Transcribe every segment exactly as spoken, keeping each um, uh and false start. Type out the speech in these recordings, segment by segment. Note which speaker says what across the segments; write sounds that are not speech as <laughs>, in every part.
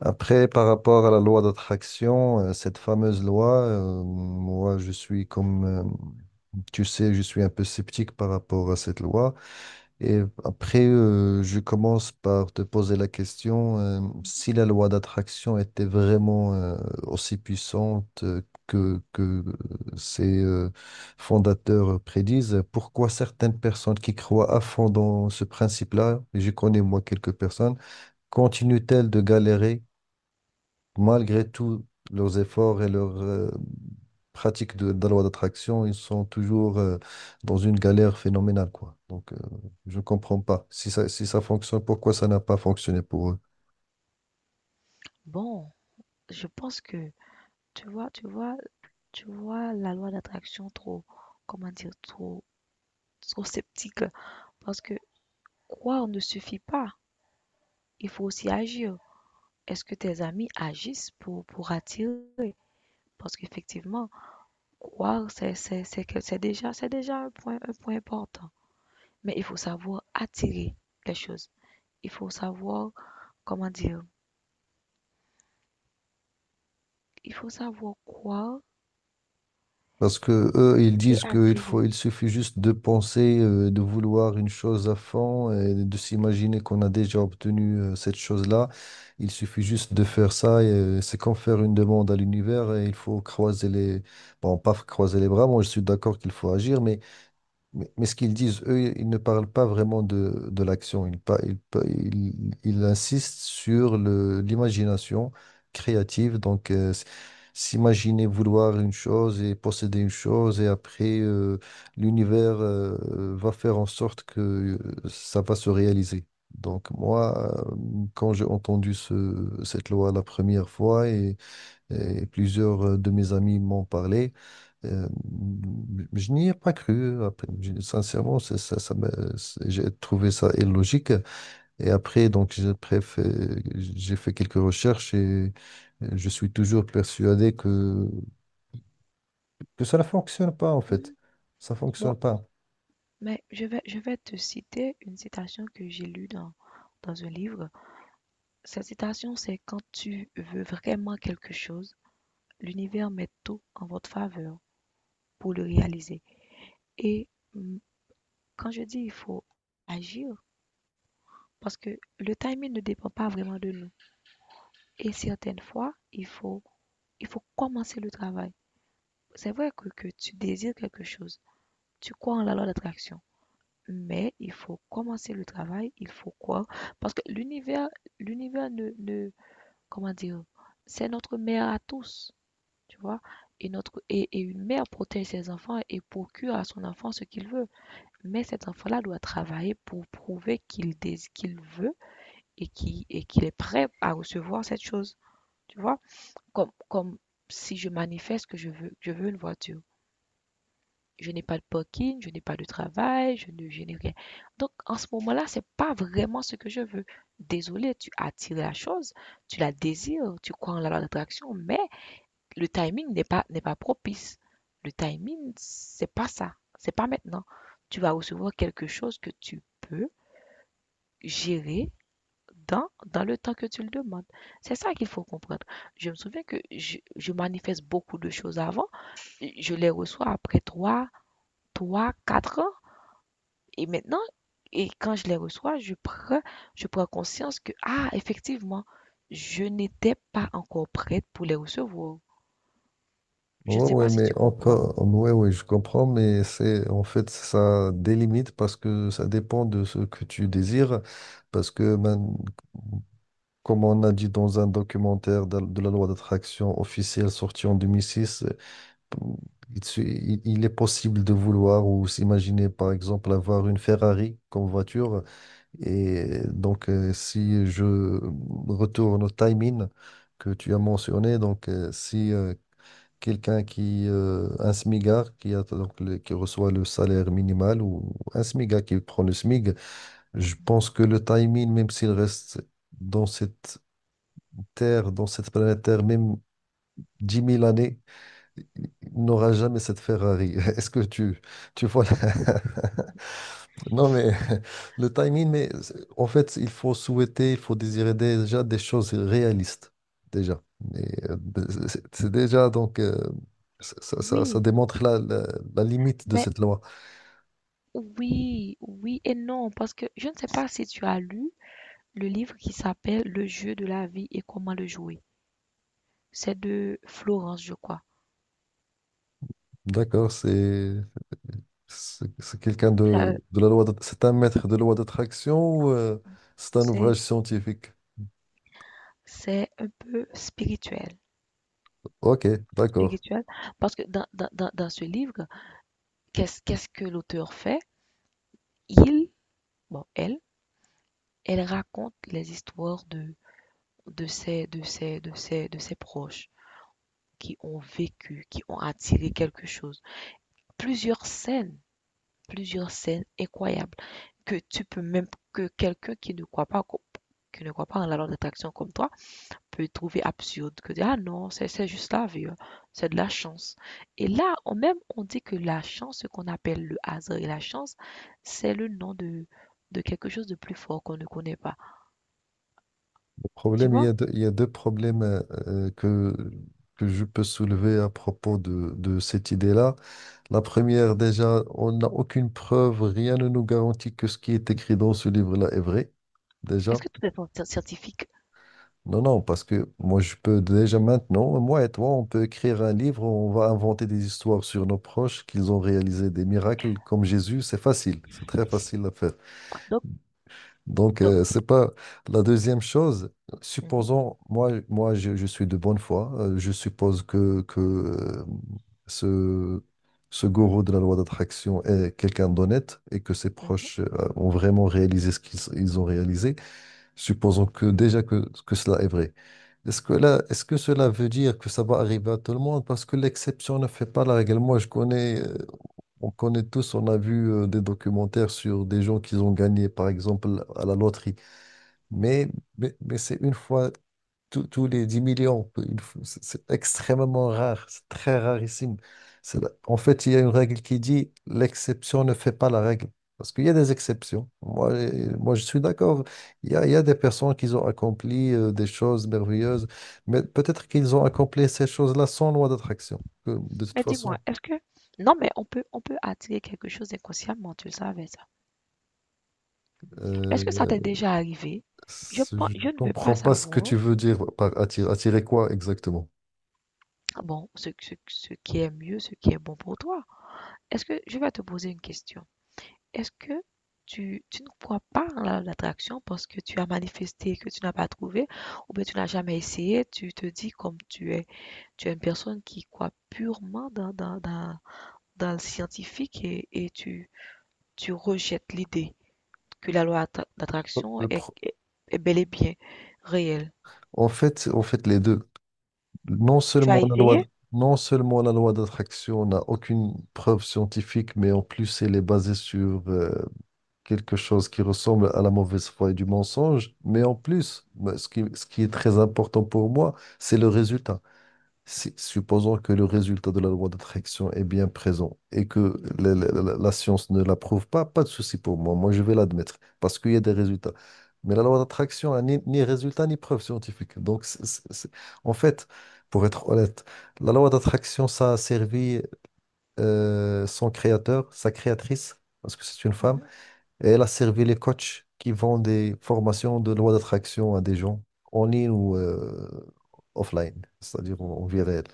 Speaker 1: Après, par rapport à la loi d'attraction, euh, cette fameuse loi, euh, moi, je suis comme, euh, tu sais, je suis un peu sceptique par rapport à cette loi. Et après, euh, je commence par te poser la question, euh, si la loi d'attraction était vraiment, euh, aussi puissante euh, que, que ses, euh, fondateurs prédisent, pourquoi certaines personnes qui croient à fond dans ce principe-là, et je connais moi quelques personnes, continuent-elles de galérer malgré tous leurs efforts et leurs euh, pratiques de, de la loi d'attraction? Ils sont toujours euh, dans une galère phénoménale, quoi. Donc, euh, je ne comprends pas. Si ça, si ça fonctionne, pourquoi ça n'a pas fonctionné pour eux?
Speaker 2: Bon, je pense que tu vois, tu vois, tu vois la loi d'attraction trop, comment dire, trop, trop sceptique. Parce que croire ne suffit pas. Il faut aussi agir. Est-ce que tes amis agissent pour, pour attirer? Parce qu'effectivement, croire, c'est, c'est, c'est, que- c'est déjà, c'est déjà un point, un point important. Mais il faut savoir attirer les choses. Il faut savoir, comment dire, il faut savoir croire
Speaker 1: Parce que eux, ils
Speaker 2: et
Speaker 1: disent qu'il
Speaker 2: attirer.
Speaker 1: faut, il suffit juste de penser, euh, de vouloir une chose à fond et de s'imaginer qu'on a déjà obtenu euh, cette chose-là. Il suffit juste de faire ça et euh, c'est comme faire une demande à l'univers et il faut croiser les, bon, pas croiser les bras. Moi, je suis d'accord qu'il faut agir, mais Mais, mais ce qu'ils disent, eux, ils ne parlent pas vraiment de, de l'action. Ils, pa- ils, pa- ils- ils insistent sur le, l'imagination créative. Donc, euh, s- s'imaginer vouloir une chose et posséder une chose, et après, euh, l'univers, euh, va faire en sorte que euh, ça va se réaliser. Donc, moi, euh, quand j'ai entendu ce, cette loi la première fois, et et plusieurs euh, de mes amis m'ont parlé. Euh, je n'y ai pas cru. Après, je- sincèrement, c'est- ça, ça m'a- c'est- j'ai trouvé ça illogique. Et après, donc, j'ai bref, euh, j'ai fait quelques recherches et euh, je suis toujours persuadé que, que ça ne fonctionne pas, en fait.
Speaker 2: Mhm.
Speaker 1: Ça ne
Speaker 2: Bon,
Speaker 1: fonctionne pas.
Speaker 2: mais je vais, je vais te citer une citation que j'ai lue dans, dans un livre. Cette citation, c'est quand tu veux vraiment quelque chose, l'univers met tout en votre faveur pour le réaliser. Et mm, quand je dis il faut agir, parce que le timing ne dépend pas vraiment de nous. Et certaines fois, il faut, il faut commencer le travail. C'est vrai que, que tu désires quelque chose, tu crois en la loi d'attraction. Mais il faut commencer le travail, il faut croire, parce que l'univers, l'univers ne, ne, comment dire, c'est notre mère à tous, tu vois. Et notre, et, et une mère protège ses enfants et procure à son enfant ce qu'il veut. Mais cet enfant-là doit travailler pour prouver qu'il dés- qu'il veut et qu'il et qu'il est prêt à recevoir cette chose, tu vois. Comme, comme si je manifeste que je veux, je veux une voiture. Je n'ai pas de parking, je n'ai pas de travail, je ne, je n'ai rien. Donc, en ce moment-là, c'est pas vraiment ce que je veux. Désolé, tu attires la chose, tu la désires, tu crois en la loi d'attraction, mais le timing n'est pas, n'est pas propice. Le timing, c'est pas ça. C'est pas maintenant. Tu vas recevoir quelque chose que tu peux gérer dans, dans le temps que tu le demandes. C'est ça qu'il faut comprendre. Je me souviens que je, je manifeste beaucoup de choses avant. Je les reçois après trois, trois, quatre ans. Et maintenant, et quand je les reçois, je prends, je prends conscience que, ah, effectivement, je n'étais pas encore prête pour les recevoir. Je ne
Speaker 1: Ouais,
Speaker 2: sais
Speaker 1: ouais,
Speaker 2: pas si
Speaker 1: mais
Speaker 2: tu comprends.
Speaker 1: encore, ouais, ouais, je comprends, mais c'est, en fait, ça délimite parce que ça dépend de ce que tu désires. Parce que man- Comme on a dit dans un documentaire de, de la loi d'attraction officielle sortie en deux mille six, euh, il, se- il- il est possible de vouloir ou s'imaginer, par exemple, avoir une Ferrari comme voiture. Et donc, euh, si je retourne au timing que tu as mentionné, donc euh, si euh, quelqu'un qui, euh, un smigard qui a donc le- qui reçoit le salaire minimal ou un smigard qui prend le smig, je pense que le timing, même s'il reste dans cette Terre, dans cette planète Terre, même dix mille années, il n'aura jamais cette Ferrari. <laughs> Est-ce que tu, tu vois la- <laughs> Non, mais <laughs> le timing, mais c'est- en fait, il faut souhaiter, il faut désirer déjà des choses réalistes, déjà. Et, euh, de- c'est c'est déjà, donc, euh, ça, ça- ça- ça
Speaker 2: Oui,
Speaker 1: démontre la, la- la limite de
Speaker 2: ben,
Speaker 1: cette loi.
Speaker 2: oui, oui et non, parce que je ne sais pas si tu as lu le livre qui s'appelle Le jeu de la vie et comment le jouer. C'est de Florence, je crois.
Speaker 1: D'accord, c'est c'est c'est quelqu'un
Speaker 2: ça,
Speaker 1: de, de la loi, de- c'est un maître de loi d'attraction ou euh, c'est un
Speaker 2: C'est,
Speaker 1: ouvrage scientifique?
Speaker 2: c'est un peu spirituel,
Speaker 1: Ok, d'accord.
Speaker 2: spirituel, parce que dans, dans, dans, dans ce livre, qu'est-ce, qu'est-ce que l'auteur fait? Il, bon, elle, elle raconte les histoires de de ses de ses de ses de ses proches qui ont vécu, qui ont attiré quelque chose. Plusieurs scènes, plusieurs scènes incroyables que tu peux même que quelqu'un qui ne croit pas qui ne croit pas en la loi d'attraction comme toi peut trouver absurde que dire, ah non c'est c'est juste la vie hein, c'est de la chance et là on même on dit que la chance, ce qu'on appelle le hasard et la chance, c'est le nom de de quelque chose de plus fort qu'on ne connaît pas,
Speaker 1: Le
Speaker 2: tu
Speaker 1: problème, il y a
Speaker 2: vois.
Speaker 1: deux, il y a deux problèmes euh, euh, que, que je peux soulever à propos de, de cette idée-là. La première, déjà, on n'a aucune preuve, rien ne nous garantit que ce qui est écrit dans ce livre-là est vrai. Déjà.
Speaker 2: Est-ce que tout est en scientifique?
Speaker 1: Non, non, parce que moi, je peux déjà maintenant, moi et toi, on peut écrire un livre, on va inventer des histoires sur nos proches, qu'ils ont réalisé des miracles comme Jésus. C'est facile, c'est très facile à faire.
Speaker 2: Donc,
Speaker 1: Donc,
Speaker 2: donc,
Speaker 1: euh, c'est pas la deuxième chose.
Speaker 2: mhm,
Speaker 1: Supposons, moi, moi je, je suis de bonne foi. euh, je suppose que, que euh, ce, ce gourou de la loi d'attraction est quelqu'un d'honnête et que ses
Speaker 2: mhm.
Speaker 1: proches euh, ont vraiment réalisé ce qu'ils ils ont réalisé. Supposons que déjà que, que cela est vrai. Est-ce que là, est-ce que cela veut dire que ça va arriver à tout le monde? Parce que l'exception ne fait pas la règle. Moi, je connais, euh, on connaît tous, on a vu euh, des documentaires sur des gens qui ont gagné, par exemple, à la loterie. Mais, mais, mais c'est une fois tous tous les dix millions. peu- il faut- C'est c'est extrêmement rare, c'est très rarissime. C'est la- En fait, il y a une règle qui dit l'exception ne fait pas la règle. Parce qu'il y a des exceptions. Moi, euh, moi je suis d'accord. Il y a, il y a des personnes qui ont accompli euh, des choses merveilleuses, mais peut-être qu'ils ont accompli ces choses-là sans loi d'attraction. Que, de toute
Speaker 2: Mais dis-moi,
Speaker 1: façon,
Speaker 2: est-ce que... Non, mais on peut, on peut attirer quelque chose inconsciemment, tu le savais ça.
Speaker 1: euh,
Speaker 2: Est-ce que ça t'est déjà arrivé? Je
Speaker 1: c'est-
Speaker 2: pense,
Speaker 1: je ne
Speaker 2: je ne veux pas
Speaker 1: comprends pas ce que
Speaker 2: savoir,
Speaker 1: tu veux dire par attirer, attirer quoi exactement.
Speaker 2: bon, ce, ce, ce qui est mieux, ce qui est bon pour toi. Est-ce que, je vais te poser une question. Est-ce que tu, tu ne crois pas en la- l'attraction parce que tu as manifesté que tu n'as pas trouvé ou bien tu n'as jamais essayé, tu te dis comme tu es, tu es une personne qui croit purement dans, dans, dans dans le scientifique et, et tu, tu rejettes l'idée que la loi attra- d'attraction
Speaker 1: Le
Speaker 2: est,
Speaker 1: pro-
Speaker 2: est- est bel et bien réelle.
Speaker 1: En fait, en fait, les deux. Non
Speaker 2: Tu as
Speaker 1: seulement la loi,
Speaker 2: essayé?
Speaker 1: non seulement la loi d'attraction n'a aucune preuve scientifique, mais en plus elle est basée sur euh, quelque chose qui ressemble à la mauvaise foi et du mensonge. Mais en plus, moi, ce qui, ce qui est très important pour moi, c'est le résultat. Si- supposons que le résultat de la loi d'attraction est bien présent et que la, la- la- la science ne l'approuve pas, pas de souci pour moi. Moi, je vais l'admettre parce qu'il y a des résultats. Mais la loi d'attraction n'a ni, ni résultat ni preuve scientifique. Donc, c'est- c'est- c'est- en fait, pour être honnête, la loi d'attraction, ça a servi euh, son créateur, sa créatrice, parce que c'est une femme,
Speaker 2: Mhm.
Speaker 1: et elle a servi les coachs qui vendent des formations de loi d'attraction à des gens en ligne ou euh, offline, c'est-à-dire en en vie réelle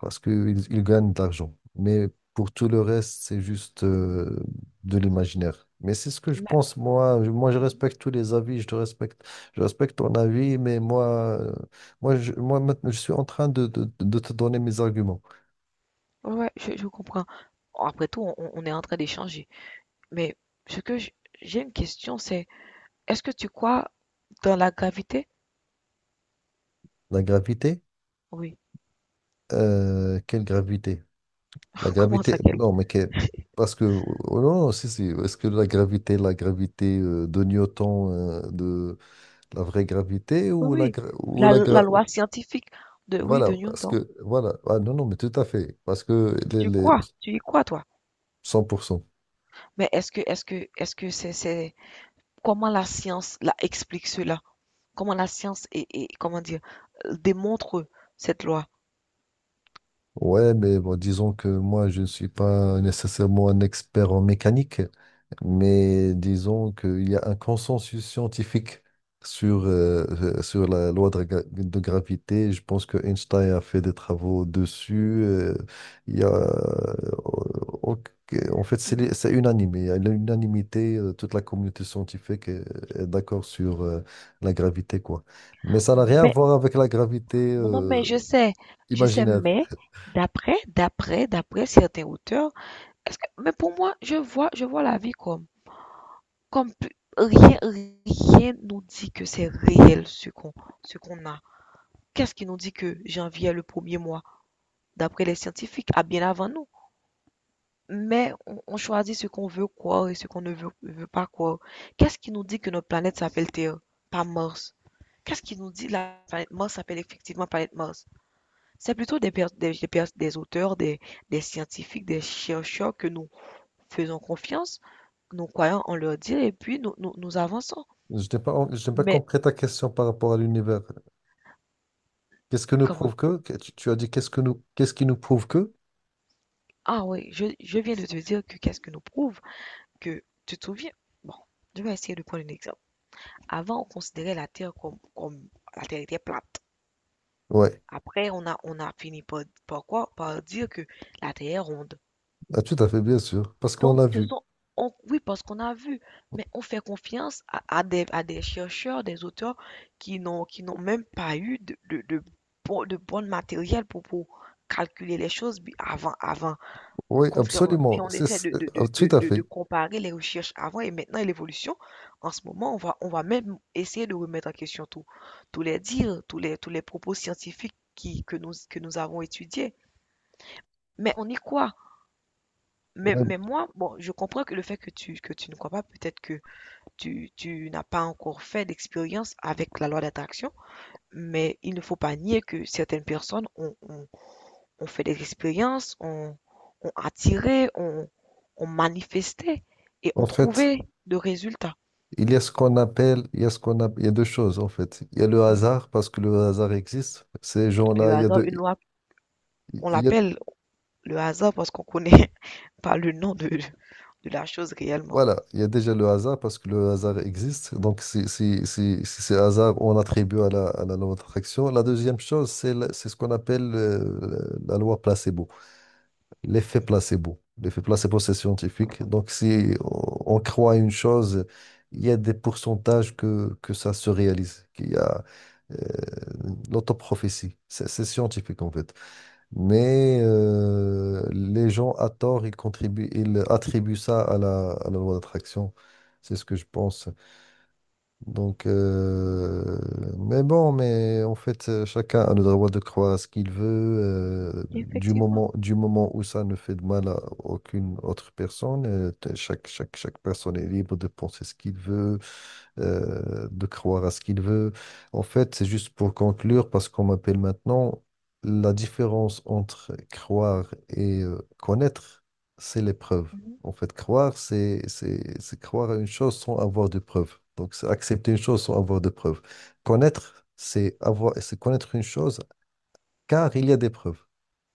Speaker 1: parce qu'ils ils gagnent de l'argent. Mais pour tout le reste, c'est juste euh, de l'imaginaire. Mais c'est ce que je
Speaker 2: Mais-
Speaker 1: pense, moi. Je- Moi, je
Speaker 2: mhm.
Speaker 1: respecte tous les avis, je te respecte, je respecte ton avis, mais moi, euh, moi, je, moi maintenant, je suis en train de, de- de te donner mes arguments.
Speaker 2: Ouais, ouais, je, je comprends. Bon, après tout, on, on est en train d'échanger. Mais ce que j- j'ai une question, c'est est-ce que tu crois dans la gravité?
Speaker 1: La gravité,
Speaker 2: Oui.
Speaker 1: euh, quelle gravité? La
Speaker 2: <laughs> Comment
Speaker 1: gravité,
Speaker 2: ça, quelle?
Speaker 1: non, mais que- parce que, oh non, non, si, si, est-ce que la gravité, la gravité euh, de Newton, euh, de la vraie gravité
Speaker 2: Oui,
Speaker 1: ou la,
Speaker 2: oui.
Speaker 1: gra- ou
Speaker 2: La,
Speaker 1: la, gra-
Speaker 2: la loi scientifique de, oui,
Speaker 1: Voilà,
Speaker 2: de
Speaker 1: parce
Speaker 2: Newton.
Speaker 1: que, voilà, ah, non, non, mais tout à fait, parce que les,
Speaker 2: Tu
Speaker 1: les
Speaker 2: crois, tu y crois, toi.
Speaker 1: cent pour cent.
Speaker 2: Mais est-ce que, est-ce que, est-ce que c'est, c'est, comment la science la explique cela? Comment la science est, est- comment dire, euh, démontre cette loi.
Speaker 1: Ouais, mais bon, disons que moi, je ne suis pas nécessairement un expert en mécanique, mais disons qu'il y a un consensus scientifique sur, euh, <laughs> euh, sur la loi de, gra- de gravité. Je pense que Einstein a fait des travaux dessus. Euh, il y a, euh, ok, en fait, c'est les- c'est unanime. Il y a l'unanimité, euh, toute la communauté scientifique est, est d'accord sur euh, la gravité, quoi. Mais ça n'a rien à
Speaker 2: Mais,
Speaker 1: voir avec la gravité
Speaker 2: non, non, mais
Speaker 1: euh,
Speaker 2: je sais, je sais,
Speaker 1: imaginaire.
Speaker 2: mais d'après, d'après, d'après certains auteurs, est-ce que, mais pour moi, je vois, je vois la vie comme, comme pu- rien, rien nous dit que c'est réel ce qu'on, ce qu'on a. Qu'est-ce qui nous dit que janvier est le premier mois, d'après les scientifiques, à bien avant nous? Mais on, on choisit ce qu'on veut croire et ce qu'on ne veut, veut pas croire. Qu'est-ce qui nous dit que notre planète s'appelle Terre, pas Mars? Qu'est-ce qui nous dit la planète Mars s'appelle effectivement planète Mars? C'est plutôt des, pers- des, des pers- des auteurs, des, des scientifiques, des chercheurs que nous faisons confiance, nous croyons en leur dire et puis nous, nous, nous avançons.
Speaker 1: Je n'ai pas, je n'ai pas
Speaker 2: Mais
Speaker 1: compris ta question par rapport à l'univers. Qu'est-ce que nous
Speaker 2: comment?
Speaker 1: prouve que? Que- Tu, tu as dit qu'est-ce que nous, qu'est-ce qui nous prouve que?
Speaker 2: Ah oui, je, je viens de te dire que qu'est-ce que nous prouve que tu te souviens? Bon, je vais essayer de prendre un exemple. Avant, on considérait la Terre comme, comme la Terre était plate.
Speaker 1: Ouais,
Speaker 2: Après, on a, on a fini par, par quoi? Par dire que la Terre est ronde.
Speaker 1: ah, tout à fait, bien sûr, parce qu'on
Speaker 2: Donc,
Speaker 1: l'a
Speaker 2: ce
Speaker 1: vu.
Speaker 2: sont, on- oui, parce qu'on a vu, mais on fait confiance à, à des, à des chercheurs, des auteurs qui n'ont, qui n'ont même pas eu de, de, de, bon, de bon matériel pour, pour calculer les choses bi- avant, avant.
Speaker 1: Oui,
Speaker 2: Contrairement, puis
Speaker 1: absolument,
Speaker 2: on
Speaker 1: c'est,
Speaker 2: essaie
Speaker 1: c'est-
Speaker 2: de, de,
Speaker 1: ah,
Speaker 2: de,
Speaker 1: tout
Speaker 2: de,
Speaker 1: à
Speaker 2: de- de
Speaker 1: fait.
Speaker 2: comparer les recherches avant et maintenant et l'évolution. En ce moment, on va, on va même essayer de remettre en question tout, tous les dires, tous les, tous les propos scientifiques qui, que nous, que nous avons étudiés. Mais on y croit. Mais,
Speaker 1: Ouais.
Speaker 2: mais moi, bon, je comprends que le fait que tu, que tu ne crois pas, peut-être que tu, tu n'as pas encore fait d'expérience avec la loi d'attraction, mais il ne faut pas nier que certaines personnes ont, ont- ont fait des expériences, ont, ont attiré, ont, ont manifesté et
Speaker 1: En
Speaker 2: ont
Speaker 1: fait,
Speaker 2: trouvé de résultats.
Speaker 1: il y a ce qu'on appelle, il y a ce qu'on a, il y a deux choses en fait. Il y a le
Speaker 2: Mhm.
Speaker 1: hasard parce que le hasard existe. Ces
Speaker 2: Le
Speaker 1: gens-là, il y a
Speaker 2: hasard,
Speaker 1: deux,
Speaker 2: une loi, on
Speaker 1: il y a-
Speaker 2: l'appelle le hasard parce qu'on connaît <laughs> pas le nom de, de la chose réellement.
Speaker 1: Voilà, il y a déjà le hasard parce que le hasard existe. Donc, si, si, si, si c'est hasard, on attribue à la, à la loi d'attraction. La deuxième chose, c'est la- c'est ce qu'on appelle euh, la loi placebo, l'effet
Speaker 2: Mhm.
Speaker 1: placebo. L'effet placebo, c'est scientifique. Donc, si on, on croit à une chose, il y a des pourcentages que, que ça se réalise, qu'il y a euh, l'autoprophétie. C'est c'est scientifique, en fait. Mais euh, les gens, à tort, ils contribuent, ils attribuent ça à la, à la loi d'attraction. C'est ce que je pense. Donc, euh, mais bon, mais en fait, euh, chacun a le droit de croire à ce qu'il veut, euh, du
Speaker 2: Effectivement.
Speaker 1: moment, du moment où ça ne fait de mal à aucune autre personne. euh, t- chaque, chaque, chaque personne est libre de penser ce qu'il veut, euh, de croire à ce qu'il veut. En fait, c'est juste pour conclure, parce qu'on m'appelle maintenant, la différence entre croire et euh, connaître, c'est l'épreuve.
Speaker 2: Mhm.
Speaker 1: En fait, croire, c'est, c'est, c'est croire à une chose sans avoir de preuves. Donc, c'est accepter une chose sans avoir de preuves. Connaître, c'est avoir, c'est connaître une chose car il y a des preuves.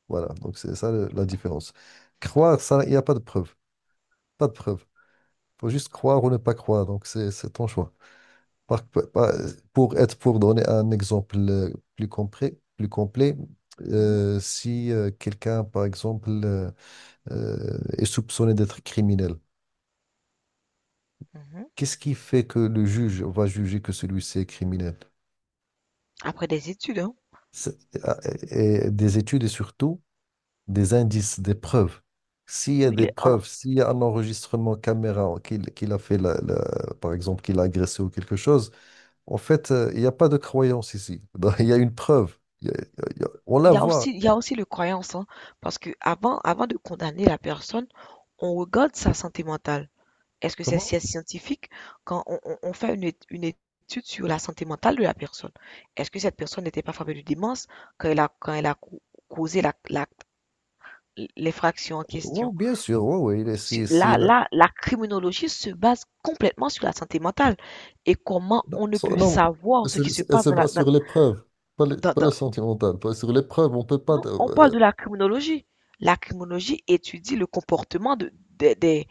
Speaker 1: Voilà, donc c'est ça le- la différence. Croire, ça, il n'y a pas de preuves. Pas de preuves. Il faut juste croire ou ne pas croire. Donc, c'est c'est ton choix. Par- par- par- Pour être, pour donner un exemple euh, plus complet, plus complet,
Speaker 2: Mhm.
Speaker 1: euh, si euh, quelqu'un, par exemple, euh, euh, est soupçonné d'être criminel,
Speaker 2: Mhm.
Speaker 1: qu'est-ce qui fait que le juge va juger que celui-ci est criminel?
Speaker 2: Après des études, hein.
Speaker 1: C'est- ah, et- et des études et surtout des indices, des preuves. S'il y a
Speaker 2: Oui,
Speaker 1: des
Speaker 2: les- en-
Speaker 1: preuves, s'il y a un enregistrement caméra qu'il qu'il a fait, la- la- par exemple, qu'il a agressé ou quelque chose. En fait, euh, il n'y a pas de croyance ici. <laughs> Donc, il y a une preuve. Il y a- il y a- on
Speaker 2: il
Speaker 1: la
Speaker 2: y a
Speaker 1: voit.
Speaker 2: aussi, il y a aussi le croyance, hein, parce que avant, avant de condamner la personne, on regarde sa santé mentale. Est-ce que c'est
Speaker 1: Comment?
Speaker 2: c'est scientifique quand on, on- on fait une, ét- une étude sur la santé mentale de la personne? Est-ce que cette personne n'était pas frappée de démence quand elle a, quand elle a cau- causé la, la- l'effraction en
Speaker 1: Oui,
Speaker 2: question?
Speaker 1: bien sûr. Oui, oui. il est-
Speaker 2: Sur-
Speaker 1: c'est- c'est
Speaker 2: Là,
Speaker 1: la-
Speaker 2: là, la criminologie se base complètement sur la santé mentale et comment
Speaker 1: Non,
Speaker 2: on ne
Speaker 1: son-
Speaker 2: peut
Speaker 1: non,
Speaker 2: savoir ce qui
Speaker 1: c'est-
Speaker 2: se
Speaker 1: c'est- elle
Speaker 2: passe
Speaker 1: se
Speaker 2: dans
Speaker 1: base sur les preuves, pas le, pas
Speaker 2: la,
Speaker 1: le sentimental. Pas sur les preuves, on peut pas.
Speaker 2: Non, on parle
Speaker 1: euh,
Speaker 2: de la criminologie. La criminologie étudie le comportement de, des des-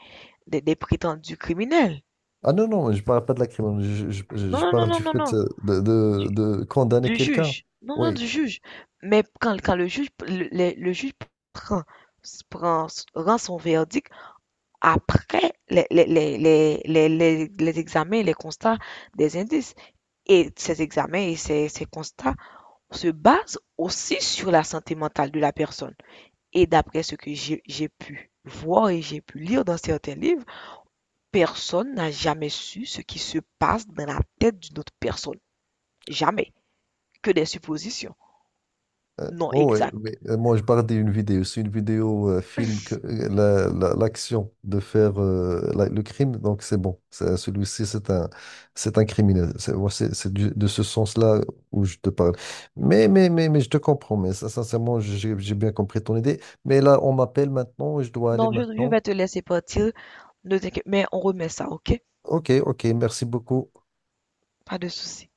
Speaker 2: des- des prétendus criminels.
Speaker 1: Ah non, non, je parle pas de la crime. Je, je- je- je
Speaker 2: Non, non,
Speaker 1: parle
Speaker 2: non, non,
Speaker 1: du
Speaker 2: non,
Speaker 1: fait
Speaker 2: non,
Speaker 1: euh, de,
Speaker 2: du,
Speaker 1: de- de condamner
Speaker 2: du
Speaker 1: quelqu'un.
Speaker 2: juge. Non, non,
Speaker 1: Oui.
Speaker 2: du juge. Mais quand, quand le juge, le, le- le juge prend, prend- rend son verdict après les, les, les, les, les, les- les examens, les constats des indices. Et ces examens et ces, ces constats se basent aussi sur la santé mentale de la personne. Et d'après ce que j'ai j'ai pu voir et j'ai pu lire dans certains livres, personne n'a jamais su ce qui se passe dans la tête d'une autre personne. Jamais. Que des suppositions.
Speaker 1: Euh,
Speaker 2: Non,
Speaker 1: oh ouais,
Speaker 2: exact.
Speaker 1: mais, euh, moi je parlais une vidéo, c'est une vidéo euh, film que euh, la- la- l'action de faire euh, la- le crime, donc c'est bon. C'est- Celui-ci c'est un c'est un criminel. C'est moi, c'est- c'est du- de ce sens-là où je te parle. Mais mais mais mais je te comprends. Mais ça, sincèrement, j'ai j'ai bien compris ton idée. Mais là on m'appelle maintenant, je dois aller
Speaker 2: Non, je, je
Speaker 1: maintenant.
Speaker 2: vais te laisser partir. Ne t'inquiète, mais on remet ça, ok?
Speaker 1: Ok ok, merci beaucoup.
Speaker 2: Pas de souci.